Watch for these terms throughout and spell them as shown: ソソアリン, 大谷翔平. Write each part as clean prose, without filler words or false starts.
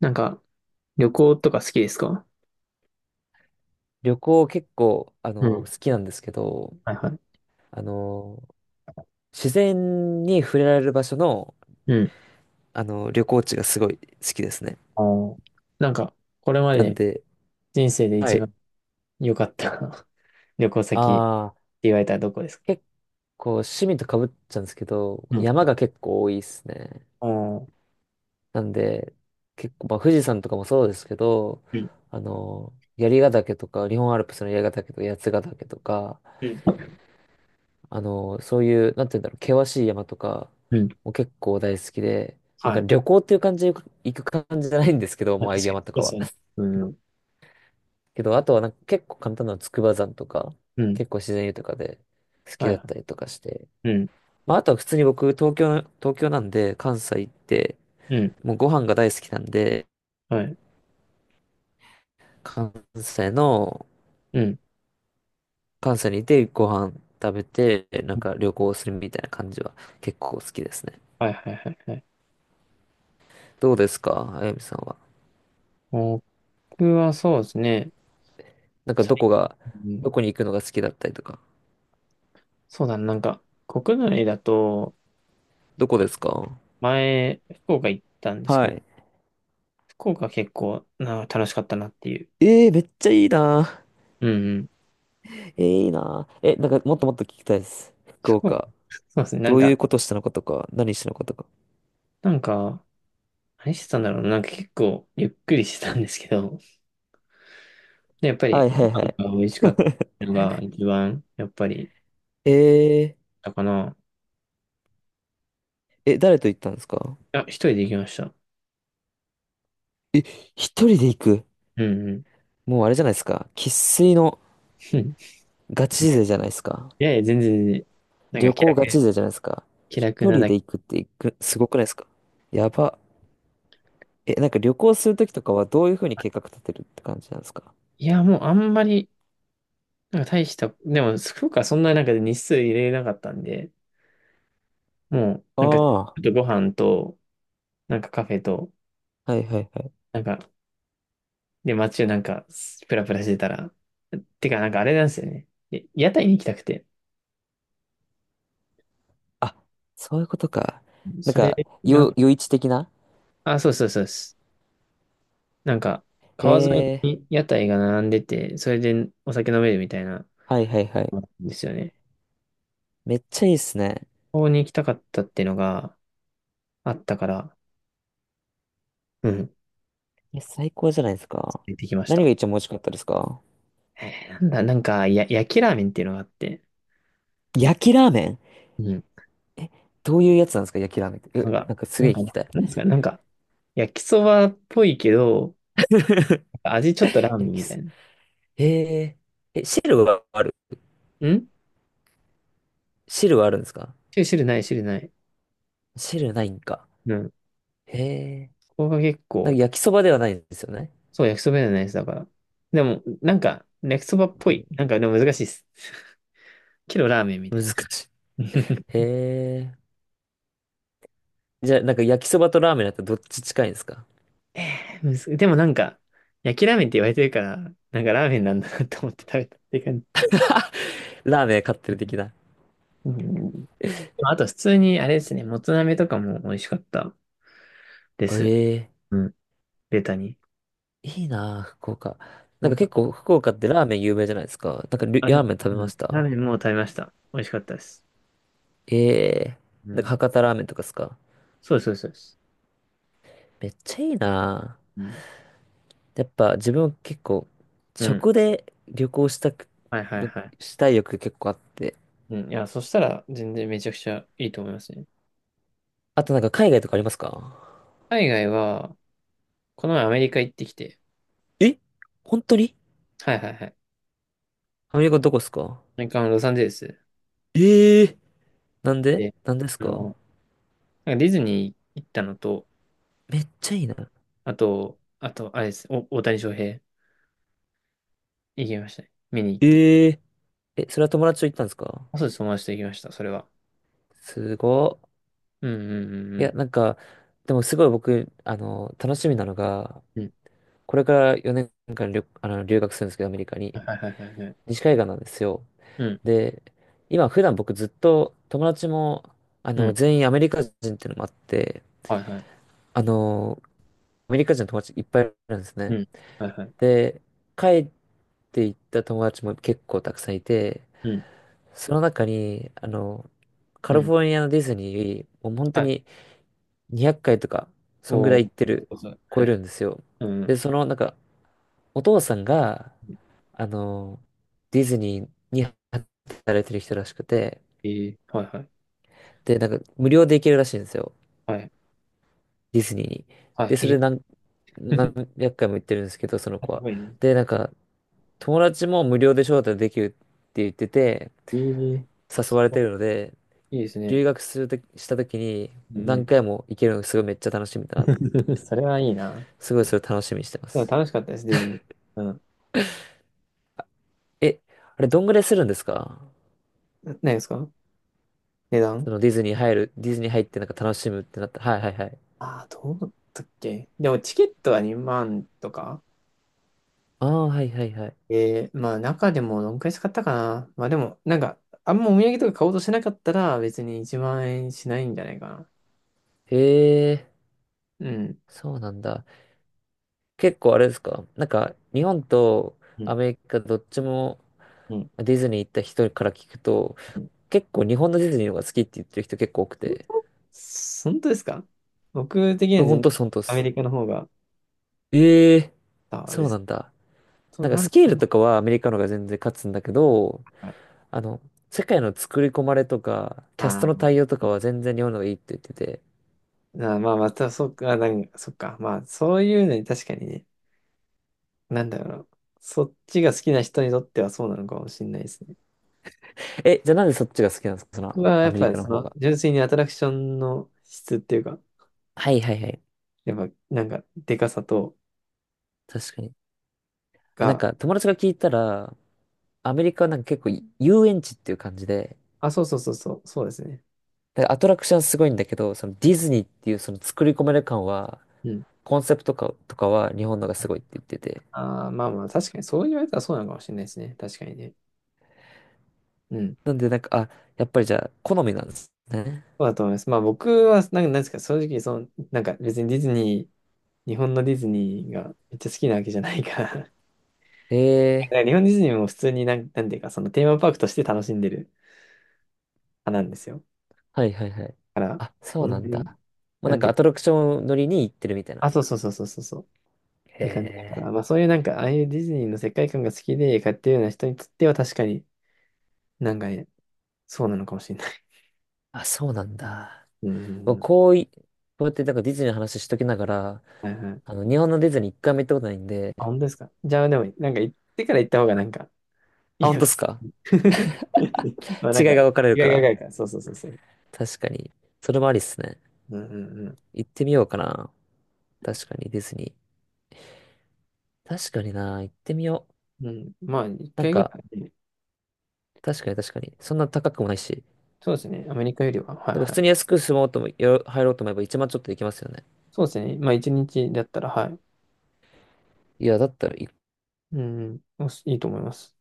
なんか、旅行とか好きですか？旅行結構、う好ん。きなんですけど、はいはい。あの、自然に触れられる場所の、うん。旅行地がすごい好きですね。あーなんか、これまなんでで、人生では一い。番良かった 旅行先ってああ、言われたらどこですか？結構趣味とかぶっちゃうんですけど、うん。山が結構多いですね。あー、なんで、結構、まあ、富士山とかもそうですけど、うん。槍ヶ岳とか、日本アルプスの槍ヶ岳とか、八ヶ岳とか、うんそういう、なんて言うんだろう、険しい山とかうん。も結構大好きで、なんはかい。旅行っていう感じで行く感じじゃないんですけど、まもあ、うああ確いうかに山とそうでかすは。よね。うん。けど、あとはなんか結構簡単な筑波山とか、うん。結構自然豊かで好きはいだっはたりとかして。い。うん。まあ、あとは普通に僕、東京なんで、関西行って、うん。もうご飯が大好きなんで、はい。関西の、うん。関西にいてご飯食べて、なんか旅行するみたいな感じは結構好きですね。はいはいはいはい。どうですか、あやみさんは。僕はそうですね。なんか最どこが、近、どこに行くのが好きだったりとか。そうだな、なんか、国内だと、どこですか？前、福岡行ったんですはけど、い。福岡結構な楽しかったなっていう。えー、めっちゃいいな。うんうん。えー、いいな。え、なんかもっともっと聞きたいです。福そう、岡。そうですね。などんういか、うことしたのかとか、何したのかとか。なんか、何してたんだろうな。なんか結構ゆっくりしてたんですけど、で、やっぱはりいごはいはい。飯が美味しかったのが一番、やっぱり、えだかな。ー、え、誰と行ったんですか？あ、一人で行きました。え、一人で行く。うんうん。もうあれじゃないですか。生粋の ガチ勢じゃないですか。いやいや、全然、なんか旅気行楽、ガチ勢じゃないですか。気楽一な人だでけ。行くって行く、すごくないですか？やば。え、なんか旅行するときとかはどういうふうに計画立てるって感じなんですか？いや、もうあんまり、なんか大した、でも、福岡はそんななんか日数入れなかったんで、もう、あなんか、ちあ、ょっとご飯と、なんかカフェと、はいはいはい。なんか、で、街をなんか、プラプラしてたら、てか、なんかあれなんですよね。で屋台に行きたくて、あ、そういうことか。なんそれか、が、余市的な。あ、そうそうそうです。なんか、へ川沿いえ、に屋台が並んでて、それでお酒飲めるみたいな、はいはいはい。ですよね。めっちゃいいっすね。ここに行きたかったっていうのがあったから、うん、え、最高じゃないですか。行ってきまし何た。が一番美味しかったですか？なんだ、なんか、や、焼きラーメンっていうのがあって、焼きラーメン？うん、え、どういうやつなんですか焼きラーメンって。なんえ、なか、んかすげえ聞きたい。なんですか、なんか、焼きそばっぽいけど、味ちょっとラーメ焼ンきみたす。いな。へえ、え、汁はある？ん汁はあるんですか？汁ない、汁ない。汁ないんか。うん。へえ、ここが結なんか構、焼きそばではないんですよね。そう、焼きそばじゃないです、だから。でも、なんか、焼きそばっぽい。なんか、でも難しいです。けどラーメンみた難いしい。な。へ え、じゃあなんか焼きそばとラーメンだったらどっち近いんですか？ むずでもなんか、焼きラーメンって言われてるから、なんかラーメンなんだなと思って食べたっていう感じ。ラーメン買ってる的な。うん。あと、普通に、あれですね、もつ鍋とかも美味しかったです。ええ、うん。ベタに。いいなあ、福岡。ななんんかか、結構福岡ってラーメン有名じゃないですか。なんかりあ、でラーも、メン食べうまん。しラーた？メンもう食べました。美味しかったです。ええ、うなんかん。博多ラーメンとかですか？そうです、そうです。めっちゃいいなあ。そうです、やっぱ自分結構うん。うん。食で旅行したく、はいはい旅はい。したい欲結構あって。うん。いや、そしたら、全然めちゃくちゃいいと思いますね。あとなんか海外とかありますか？海外は、この前アメリカ行ってきて、え、本当に？はいはいはい。アアメリカどこですか？メリカのロサンゼルスええ、なんでで、なんですあか？の、なんかディズニー行ったのと、めっちゃいいな。あと、あれです、大谷翔平行きましたね。見に行って。ええ、え、それは友達と行ったんですか？あ、そうです、友達と行きました、それは。すごっ。うんうんういや、んなんか、でもすごい僕、楽しみなのが、うん。うん。これから4年間留、あの、留学するんですけど、アメリカはに。いはいはいはい。西海岸なんですよ。うん、で、今、普段僕ずっと友達も、うん、全員アメリカ人っていうのもあって、はいはい。あの、アメリカ人の友達いっぱいいるんですうね。ん、はいはい。で、帰って行った友達も結構たくさんいて、うん、その中に、カうリん、フォルニアのディズニー、もう本当はい。に200回とか、そんぐおらいー、行ってる、そうそう。は超いえはるい。んですよ。うで、ん、その、なんか、お父さんが、うん。あの、ディズニーに働いてる人らしくて、えー、はいはい。で、なんか、無料で行けるらしいんですよ。はい、ディズニーに。はで、い、そえれ何、何ー、百回も行ってるんですけど、そのや子は。ばいね。で、なんか、友達も無料で招待できるって言ってて、えー、誘すわれごてるので、いいいですね。留学するとき、した時にうんう何ん。回も行けるのがすごいめっちゃ楽しみだなと思って、それはいいな。すごいそれ楽しみにしてまでもす。楽しかったです、ディズニー。うん。え、あれ、どんぐらいするんですか？何ですか？値そ段。のディズニー入る、ディズニー入ってなんか楽しむってなった。はいはいはい。ああー、どうだったっけ、でもチケットは2万とか。ああ、はいはいはい。えー、まあ中でもどんくらい使ったかな、まあでも、なんか、あんまお土産とか買おうとしなかったら別に1万円しないんじゃないかな。へえ、うん。そうなんだ。結構あれですかなんか、日本とうアん。メリカどっちもうん。ディズニー行った人から聞くと、うん、結構日本のディズニーの方が好きって言ってる人結構多くて。本当ですか？僕的にはほん全然とっす、ほんとっアメす。リカの方が、ええ、あでそうなす。んだ。そう、なんかなスん、ケーなルんとかはアメリカの方が全然勝つんだけど、あの、世界の作り込まれとか、キャストのああ対応とかは全然日本の方がいいって言ってて。ー、まあまあ、また、そっか、なんか、そっか。まあ、そういうのに確かにね。なんだろうな。そっちが好きな人にとってはそうなのかもしれないですね。え、じゃあなんでそっちが好きなんですか？その、僕はやアっメぱリりカのそ方のが。純粋にアトラクションの質っていうか、はいはいはい。やっぱなんかでかさと確かに。あ、なんが、か友達が聞いたら、アメリカはなんか結構遊園地っていう感じで、あ、そうそうそうそう、そうですね。だからアトラクションすごいんだけど、そのディズニーっていうその作り込める感は、うん。コンセプトか、とかは日本のがすごいって言ってて。ああ、まあまあ確かにそう言われたらそうなのかもしれないですね。確かにね。うん。なんでなんか、あ、やっぱりじゃあ好みなんですね。そうだと思います。まあ僕はなんかなんですか、正直その、なんか別にディズニー、日本のディズニーがめっちゃ好きなわけじゃないから だかええ、ら日本ディズニーも普通になんていうかそのテーマパークとして楽しんでる派なんですよ。はいはいはい。から、あ、そそうんななんに、だ。まあ、ななんんかで、アトラクション乗りに行ってるみたいな。あ、そうそうそうそうそうそう。っへて感じだから、え、まあそういうなんか、ああいうディズニーの世界観が好きで買ってるような人にとっては確かになんかね、そうなのかもしれない。あ、そうなんだ。うんうんうん。こうい、こうやってなんかディズニーの話しときながら、はいはい。日本のディズニー一回も行ったことないんで、あ、本当ですか。じゃあでも、なんか行ってから行った方がなんか。 あ、本当っすか？ まあなん違か、いが分かれる意か外が意ら。外か。そうそうそうそう。確かに。それもありっすね。うんうん行ってみようかな。確かにディズニー。確かにな、行ってみよう。うん。うん。まあ、一なん回ぐか、らいで、確かに確かに。そんな高くもないし。そうですね。アメリカよりは。はいなんはか普い。通に安く住もうとも、入ろうと思えば一万ちょっとできますよね。そうですね。まあ一日だったら、はい。いや、だったらうんうん、おしいいと思います。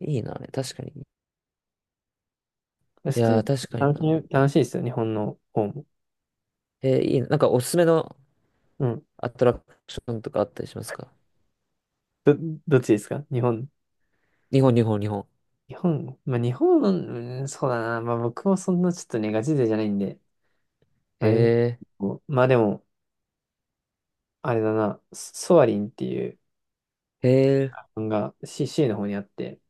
いいな、あれ。確かに。普い通やにー、確かに楽しな。い、楽しいですよ、日本の方も。えー、いいな。なんかおすすめのうん。アトラクションとかあったりしますか？ど、どっちですか？日本。日本、日本、日本。日本、まあ日本の、うん、そうだな。まあ僕もそんなちょっとね、ガチ勢じゃないんで、あえれね、ー、まあでも、あれだな、ソソアリンっていうへえ、漫画、CC の方にあって、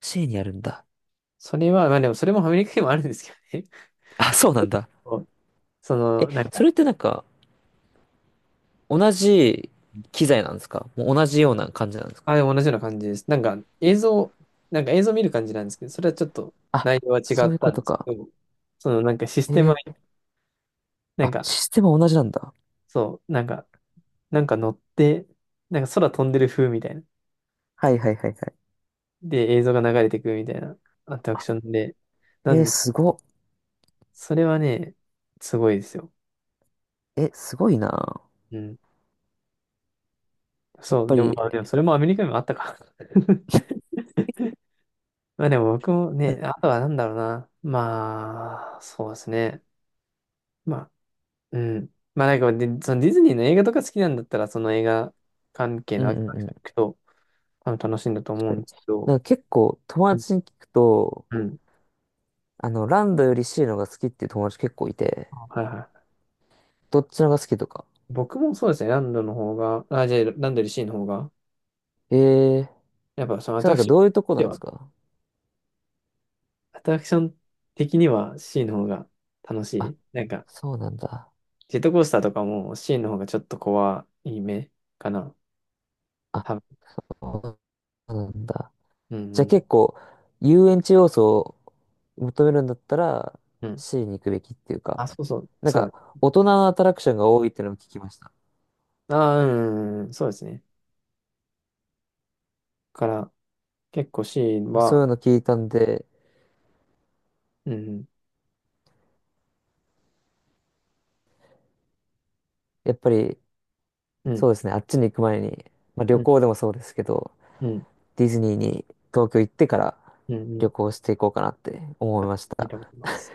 C にあるんだ。それは、まあでもそれもアメリカにもあるんですけどね。あ、そうなん だ。そう、そえ、の、なんか、それってなんか、同じ機材なんですか？もう同じような感じなんですか？あ、でも同じような感じです。なんか映像、なんか映像見る感じなんですけど、それはちょっとあ、内容は違そうっいうたこんとですか。けど、そのなんかシステムへは、え、なんあ、か、システムは同じなんだ。そう、なんか、なんか乗って、なんか空飛んでる風みたいな。はいはいはいはい。で、映像が流れてくるみたいなアトラクあ、ションで、なへんえ、です。すご。それはね、すごいですよ。え、すごいな。やうん。っそう、ぱでもり、まあ、でもそれもアメリカにもあったか。まあでも僕もうね、んあとはなんだろうな。まあ、そうですね。まあ、うん。まあなんかで、そのディズニーの映画とか好きなんだったら、その映画関係うのんうんアクト行うん、くと、多分楽しいんだと確思うかんに。ですけど、なんか結構友うん。達に聞くと、うん、ランドより C の方が好きっていう友達結構いて、はいはい。どっちの方が好きとか。僕もそうですね、ランドの方が、あ、じゃあランドよりシーの方が、へえ、やっぱそのそれなんか私どういうとこなでんではすか？アトラクション的には C の方が楽しあ、い。なんか、そうなんだ。ジェットコースターとかも C の方がちょっと怖い目かな。あ、多分。なんだ。うんうじゃあん結構、遊園地要素を求めるんだったら、うん。うん、 C に行くべきっていうか、あ、そうそう。なんそか、う大人のアトラクションが多いっていうのも聞きました。だ。ああ、うんうんうん。そうですね。だから、結構 C そうは、いうの聞いたんで、うんやっぱり、うん。うんそうですね、あっちに行く前に、まあ旅うん行でもそうですけど、うん。ディズニーに東京行ってからうんうん。旅行していこうかなって思いましいいた。と思います。